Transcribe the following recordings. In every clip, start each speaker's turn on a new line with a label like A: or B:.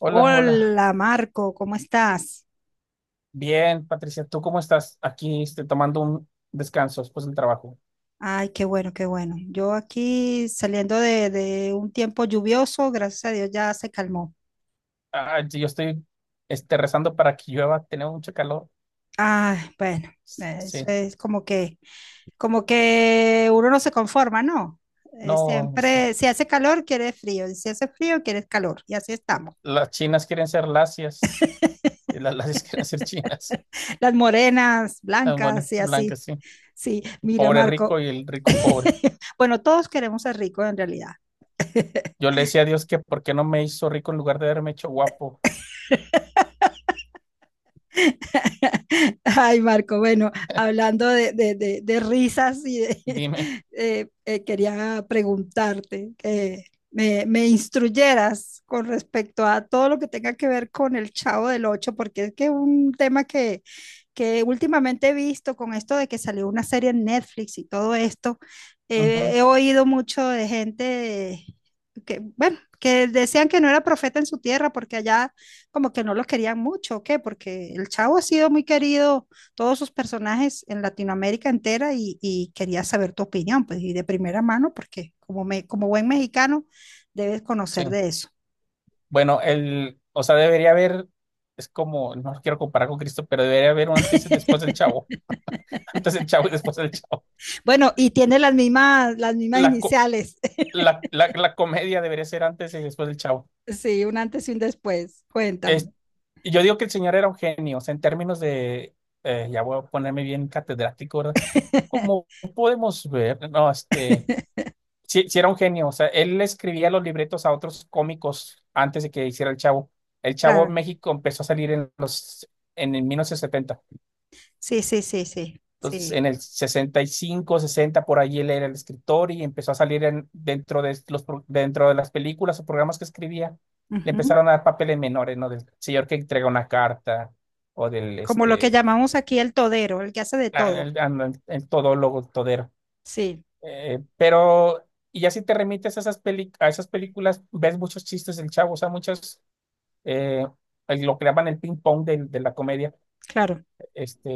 A: Hola, hola.
B: Hola Marco, ¿cómo estás?
A: Bien, Patricia, ¿tú cómo estás? Aquí tomando un descanso después del trabajo.
B: Ay, qué bueno, qué bueno. Yo aquí saliendo de un tiempo lluvioso, gracias a Dios ya se calmó.
A: Ah, sí, yo estoy rezando para que llueva, tenemos mucho calor.
B: Ay, bueno, eso
A: Sí,
B: es como que uno no se conforma, ¿no?
A: no,
B: Siempre, si hace calor, quieres frío, y si hace frío, quieres calor, y así estamos.
A: las chinas quieren ser lacias y las lacias quieren ser chinas.
B: Las morenas,
A: Ah, bueno,
B: blancas y así.
A: blancas, sí. El
B: Sí, mira
A: pobre rico
B: Marco.
A: y el rico pobre.
B: Bueno, todos queremos ser ricos en realidad.
A: Yo le decía a Dios que por qué no me hizo rico en lugar de haberme hecho guapo.
B: Ay, Marco, bueno, hablando de risas
A: Dime.
B: quería preguntarte que me instruyeras con respecto a todo lo que tenga que ver con el Chavo del Ocho, porque es que es un tema que últimamente he visto con esto de que salió una serie en Netflix y todo esto.
A: Ujú,
B: He oído mucho de gente que, bueno, que decían que no era profeta en su tierra porque allá como que no los querían mucho, ¿o qué? Porque el Chavo ha sido muy querido, todos sus personajes en Latinoamérica entera y quería saber tu opinión, pues, y de primera mano, porque como buen mexicano debes
A: sí.
B: conocer de eso.
A: Bueno, o sea, debería haber, es como, no lo quiero comparar con Cristo, pero debería haber un antes y después del Chavo. Antes del Chavo y después del Chavo.
B: Bueno, y tiene las mismas
A: La, co-
B: iniciales.
A: la comedia debería ser antes y después del Chavo.
B: Sí, un antes y un después.
A: Es,
B: Cuéntame.
A: y yo digo que el señor era un genio, o sea, en términos de, ya voy a ponerme bien catedrático, ¿verdad? Como podemos ver, no, sí, sí era un genio, o sea, él le escribía los libretos a otros cómicos antes de que hiciera el Chavo. El Chavo en
B: Claro.
A: México empezó a salir en el 1970.
B: Sí, sí, sí, sí,
A: Entonces,
B: sí.
A: en el 65, 60, por allí él era el escritor y empezó a salir dentro de las películas o programas que escribía. Le
B: Ujú.
A: empezaron a dar papeles menores, ¿no? Del señor que entrega una carta o del,
B: Como lo que
A: este,
B: llamamos aquí el todero, el que hace de todo.
A: a- el todólogo, el todero.
B: Sí,
A: Pero, y ya si te remites a esas películas, ves muchos chistes del chavo, o sea, muchos, eh, lo que llaman el ping-pong de la comedia,
B: claro.
A: este,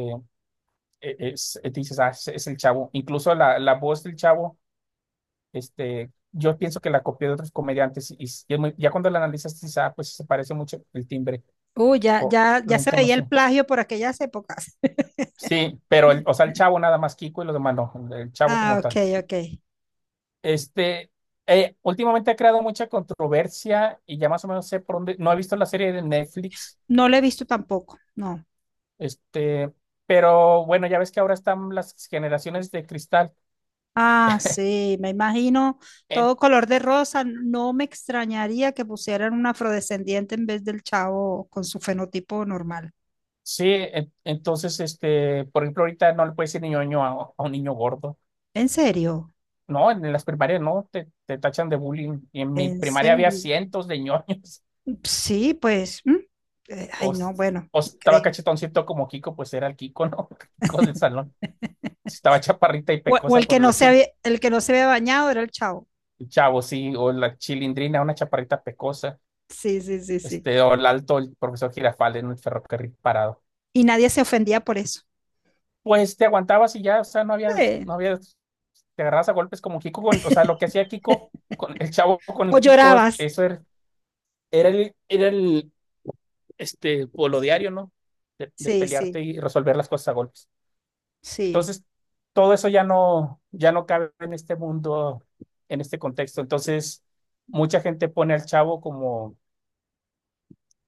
A: dices, ah, es el chavo. Incluso la voz del chavo. Yo pienso que la copió de otros comediantes y ya cuando la analizas, dices, ah, pues se parece mucho el timbre
B: Ya,
A: o
B: ya, ya
A: la
B: se veía el
A: entonación.
B: plagio por aquellas épocas.
A: Sí, pero, o sea, el chavo nada más Kiko y los demás no, chavo
B: Ah,
A: como
B: ok,
A: tal.
B: ok.
A: Este, Últimamente ha creado mucha controversia y ya más o menos sé por dónde, no he visto la serie de Netflix,
B: No lo he visto tampoco, no.
A: este, pero bueno, ya ves que ahora están las generaciones de cristal.
B: Ah, sí, me imagino
A: En-
B: todo color de rosa. No me extrañaría que pusieran un afrodescendiente en vez del chavo con su fenotipo normal.
A: sí, entonces, por ejemplo, ahorita no le puedes decir ñoño a, un niño gordo.
B: ¿En serio?
A: No, en las primarias no, te tachan de bullying. Y en mi
B: ¿En
A: primaria había
B: serio?
A: cientos de ñoños.
B: Sí, pues, ay,
A: O, s-
B: no, bueno,
A: o estaba
B: increíble.
A: cachetoncito como Kiko, pues era el Kiko, ¿no? Kiko del salón. Si estaba chaparrita y
B: O
A: pecosa
B: el que
A: por
B: no
A: la
B: se
A: chil,
B: había, el que no se había bañado era el chavo.
A: el chavo, sí, o la chilindrina, una chaparrita pecosa.
B: Sí, sí, sí, sí.
A: O el alto, el profesor Girafales en el ferrocarril parado.
B: Y nadie se ofendía por eso.
A: Pues te aguantabas y ya, o sea, no había,
B: Sí.
A: no había, te agarrabas a golpes como Kiko, o sea, lo que hacía Kiko, con el chavo con
B: O
A: el Kiko,
B: llorabas.
A: eso era, era el, era el o lo diario, ¿no? De
B: Sí,
A: pelearte
B: sí,
A: y resolver las cosas a golpes.
B: sí.
A: Entonces, todo eso ya no, cabe en este mundo, en este contexto. Entonces, mucha gente pone al chavo como,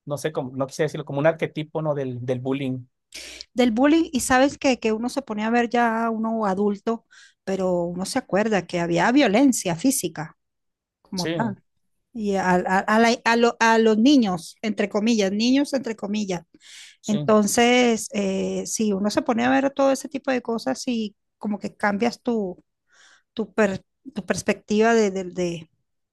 A: no sé, como, no quisiera decirlo, como un arquetipo, ¿no? Del bullying.
B: Del bullying, y sabes que uno se pone a ver ya uno adulto, pero uno se acuerda que había violencia física
A: Sí,
B: como tal. Y a la- a lo- a los niños, entre comillas, niños, entre comillas.
A: sí,
B: Entonces, si uno se pone a ver todo ese tipo de cosas y como que cambias tu, per- tu perspectiva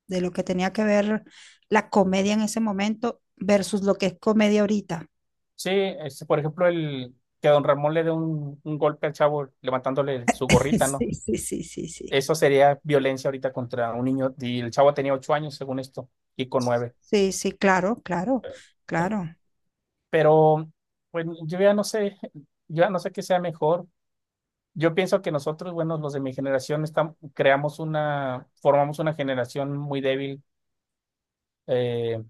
B: de lo que tenía que ver la comedia en ese momento versus lo que es comedia ahorita.
A: sí. Por ejemplo, el que a don Ramón le dé un golpe al chavo levantándole su gorrita, ¿no?
B: Sí, sí, sí, sí, sí.
A: Eso sería violencia ahorita contra un niño. Y el chavo tenía 8 años, según esto, y con 9.
B: Sí, sí, claro, claro,
A: Eh,
B: claro.
A: Pero, bueno, yo ya no sé qué sea mejor. Yo pienso que nosotros, bueno, los de mi generación, estamos, creamos una, formamos una generación muy débil. Eh,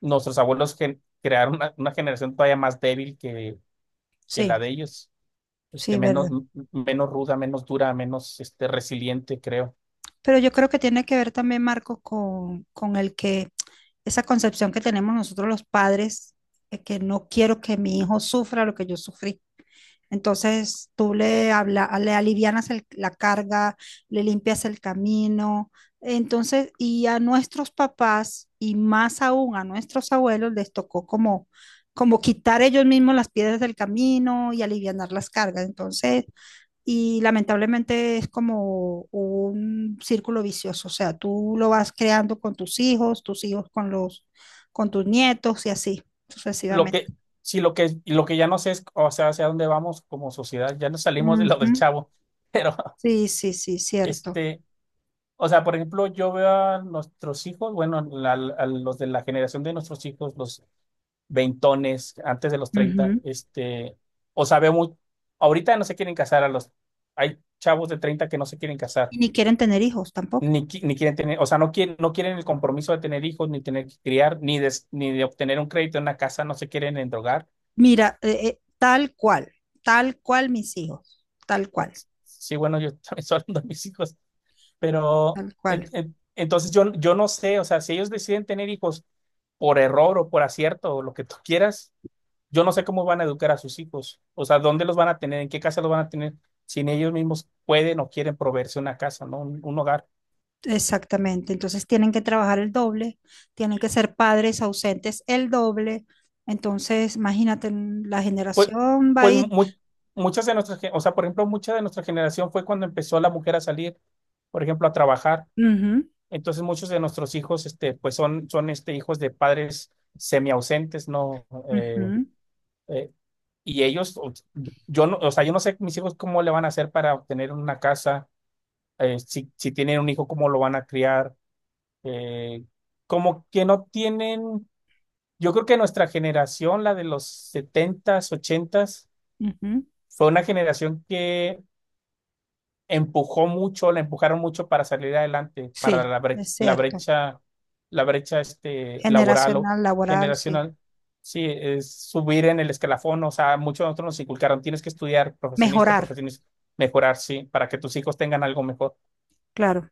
A: Nuestros abuelos crearon una generación todavía más débil que la
B: Sí,
A: de ellos,
B: sí,
A: menos,
B: verdad.
A: m- menos ruda, menos dura, menos resiliente, creo.
B: Pero yo creo que tiene que ver también, Marco, con el que esa concepción que tenemos nosotros los padres, que no quiero que mi hijo sufra lo que yo sufrí. Entonces tú le habla, le alivianas la carga, le limpias el camino. Entonces, y a nuestros papás y más aún a nuestros abuelos les tocó como, como quitar ellos mismos las piedras del camino y alivianar las cargas. Entonces, y lamentablemente es como un círculo vicioso. O sea, tú lo vas creando con tus hijos, con tus nietos y así
A: Lo
B: sucesivamente.
A: que, sí, lo que ya no sé es, o sea, hacia dónde vamos como sociedad. Ya no salimos de lo del
B: Ujú.
A: chavo, pero
B: Sí, sí, sí, cierto.
A: este. O sea, por ejemplo, yo veo a nuestros hijos, bueno, a los de la generación de nuestros hijos, los veintones, antes de los 30,
B: Ujú.
A: o sea, ahorita no se quieren casar hay chavos de 30 que no se quieren casar,
B: Y ni quieren tener hijos tampoco.
A: ni quieren tener, o sea, no quieren el compromiso de tener hijos, ni tener que criar, ni de obtener un crédito en una casa, no se quieren endrogar.
B: Mira, tal cual mis hijos, tal cual,
A: Sí, bueno, yo también estoy hablando de mis hijos. Pero
B: tal cual.
A: entonces yo no sé, o sea, si ellos deciden tener hijos por error o por acierto o lo que tú quieras, yo no sé cómo van a educar a sus hijos, o sea, dónde los van a tener, en qué casa los van a tener, si ni ellos mismos pueden o quieren proveerse una casa, ¿no? Un hogar.
B: Exactamente. Entonces tienen que trabajar el doble, tienen que ser padres ausentes el doble. Entonces, imagínate, la
A: Pues,
B: generación va a
A: pues
B: ir...
A: mu- muchas de nuestras, gen- o sea, por ejemplo, mucha de nuestra generación fue cuando empezó la mujer a salir, por ejemplo, a trabajar.
B: Ujú,
A: Entonces muchos de nuestros hijos, pues son hijos de padres semiausentes, ¿no?
B: ujú,
A: Eh, Y ellos, o- yo no, o sea, yo no sé mis hijos cómo le van a hacer para obtener una casa, si tienen un hijo, cómo lo van a criar, eh, como que no tienen, yo creo que nuestra generación, la de los setentas ochentas
B: ujú.
A: fue una generación que empujó mucho, la empujaron mucho para salir adelante, para
B: Sí,
A: la brecha,
B: es
A: la
B: cierto.
A: brecha, la brecha este, laboral o
B: Generacional, laboral, sí.
A: generacional. Sí, es subir en el escalafón, o sea, muchos de nosotros nos inculcaron, tienes que estudiar, profesionista,
B: Mejorar,
A: profesionista, mejorar, sí, para que tus hijos tengan algo mejor.
B: claro.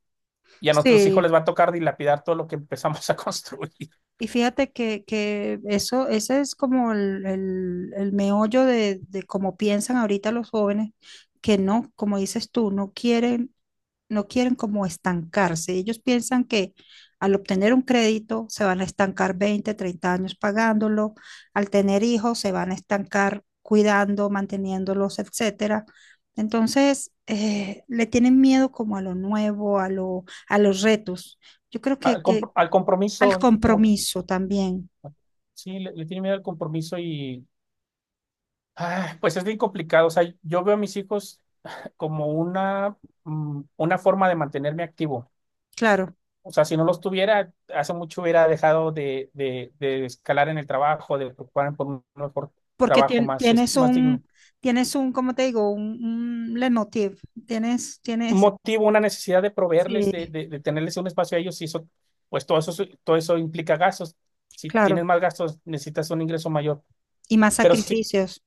A: Y a nuestros hijos
B: Sí,
A: les va a tocar dilapidar todo lo que empezamos a construir.
B: y fíjate que eso, ese es como el meollo de cómo piensan ahorita los jóvenes, que no, como dices tú, no quieren como estancarse. Ellos piensan que al obtener un crédito se van a estancar 20 30 años pagándolo, al tener hijos se van a estancar cuidando, manteniéndolos, etcétera. Entonces, le tienen miedo como a lo nuevo, a los retos. Yo creo
A: Al, comp-
B: que
A: al
B: al
A: compromiso, como que
B: compromiso también,
A: sí, le tiene miedo al compromiso y, ah, pues es bien complicado, o sea, yo veo a mis hijos como una forma de mantenerme activo.
B: claro,
A: O sea, si no los tuviera, hace mucho hubiera dejado de escalar en el trabajo, de preocuparme por un mejor
B: porque
A: trabajo más, es- más digno.
B: tienes un, ¿cómo te digo? Un leitmotiv, tienes,
A: Un
B: tienes,
A: motivo, una necesidad de proveerles, de,
B: sí,
A: de, de tenerles un espacio a ellos, y eso, pues todo eso implica gastos. Si tienes
B: claro,
A: más gastos, necesitas un ingreso mayor.
B: y más
A: Pero si,
B: sacrificios,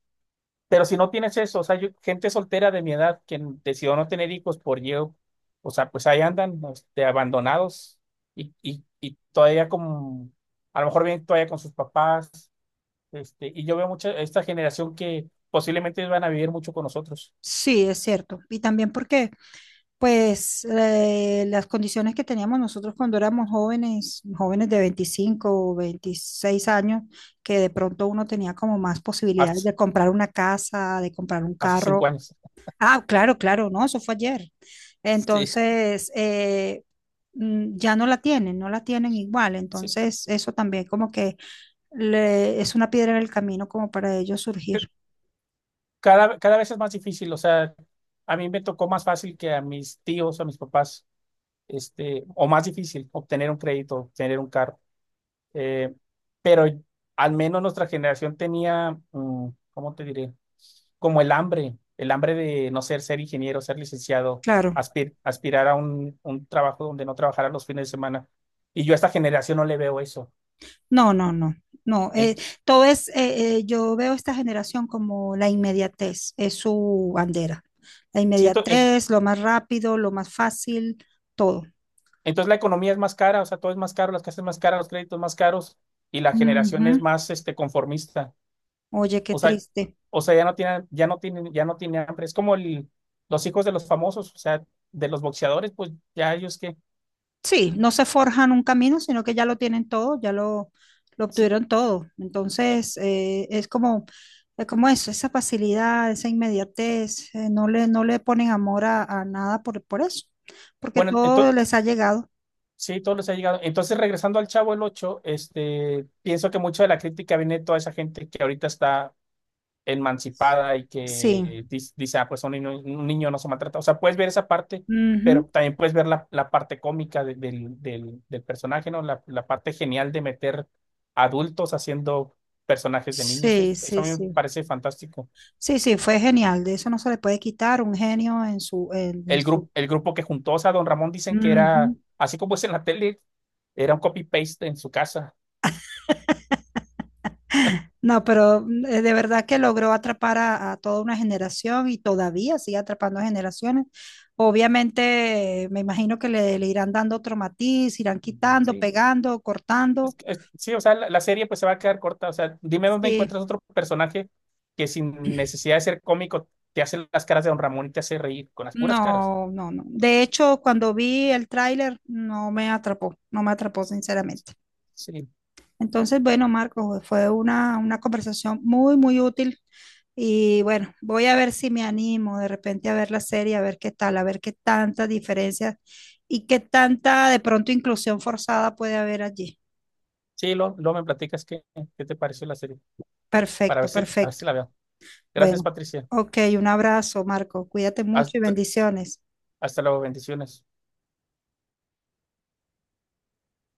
A: Pero si no tienes eso, o sea, gente soltera de mi edad que decidió no tener hijos por yo, o sea, pues ahí andan, abandonados y todavía como, a lo mejor vienen todavía con sus papás, y yo veo mucha, esta generación que posiblemente van a vivir mucho con nosotros,
B: sí, es cierto, y también porque, pues, las condiciones que teníamos nosotros cuando éramos jóvenes, jóvenes de 25 o 26 años, que de pronto uno tenía como más posibilidades
A: hace,
B: de comprar una casa, de comprar un
A: hace cinco
B: carro,
A: años.
B: ah, claro, claro, no, eso fue ayer.
A: Sí,
B: Entonces, ya no la tienen, no la tienen igual.
A: sí.
B: Entonces, eso también como que es una piedra en el camino como para ellos
A: C-
B: surgir.
A: cada vez es más difícil, o sea, a mí me tocó más fácil que a mis tíos, a mis papás, o más difícil obtener un crédito, obtener un carro. Eh, pero al menos nuestra generación tenía, ¿cómo te diré? Como el hambre de no ser, ser ingeniero, ser licenciado,
B: Claro,
A: aspirar a un trabajo donde no trabajara los fines de semana. Y yo a esta generación no le veo eso.
B: no, no, no, no.
A: Ent-
B: Todo es, yo veo esta generación como la inmediatez, es su bandera. La
A: siento, es-
B: inmediatez, lo más rápido, lo más fácil, todo.
A: entonces la economía es más cara, o sea, todo es más caro, las casas más caras, los créditos más caros, y la generación
B: Ujú.
A: es más conformista.
B: Oye, qué
A: O sea,
B: triste.
A: o sea, ya no tiene, ya no tiene, ya no tiene hambre. Es como los hijos de los famosos, o sea, de los boxeadores, pues ya ellos que
B: Sí, no se forjan un camino, sino que ya lo tienen todo, lo
A: sí.
B: obtuvieron todo. Entonces, es como eso, esa facilidad, esa inmediatez, no le, no le ponen amor a nada por, por eso, porque
A: Bueno,
B: todo
A: entonces,
B: les ha llegado.
A: sí, todos les ha llegado. Entonces, regresando al Chavo el 8 pienso que mucho de la crítica viene de toda esa gente que ahorita está emancipada y
B: Sí.
A: que dice, ah, pues un niño no se maltrata. O sea, puedes ver esa parte,
B: Ujú.
A: pero también puedes ver la parte cómica del personaje, ¿no? La parte genial de meter adultos haciendo personajes de niños.
B: Sí,
A: Eso
B: sí,
A: a mí me
B: sí.
A: parece fantástico.
B: Sí, sí, fue genial, de eso no se le puede quitar un genio en su, en
A: El
B: su.
A: grupo, el grupo que juntó, o sea, don Ramón dicen que era,
B: Ujú.
A: así como es en la tele, era un copy-paste en su casa.
B: No, pero de verdad que logró atrapar a toda una generación y todavía sigue atrapando a generaciones. Obviamente, me imagino que le irán dando otro matiz, irán quitando,
A: Sí,
B: pegando, cortando.
A: sí, o sea, la serie pues se va a quedar corta. O sea, dime dónde
B: Sí,
A: encuentras otro personaje que sin necesidad de ser cómico te hace las caras de don Ramón y te hace reír con las puras caras.
B: no, no, no. De hecho, cuando vi el tráiler, no me atrapó, no me atrapó, sinceramente.
A: Sí,
B: Entonces, bueno, Marcos, fue una conversación muy, muy útil. Y bueno, voy a ver si me animo de repente a ver la serie, a ver qué tal, a ver qué tantas diferencias y qué tanta de pronto inclusión forzada puede haber allí.
A: sí, luego me platicas qué te pareció la serie, para ver
B: Perfecto,
A: si, a ver
B: perfecto.
A: si la veo. Gracias,
B: Bueno,
A: Patricia.
B: ok, un abrazo, Marco. Cuídate mucho y
A: Hasta,
B: bendiciones.
A: hasta luego, bendiciones.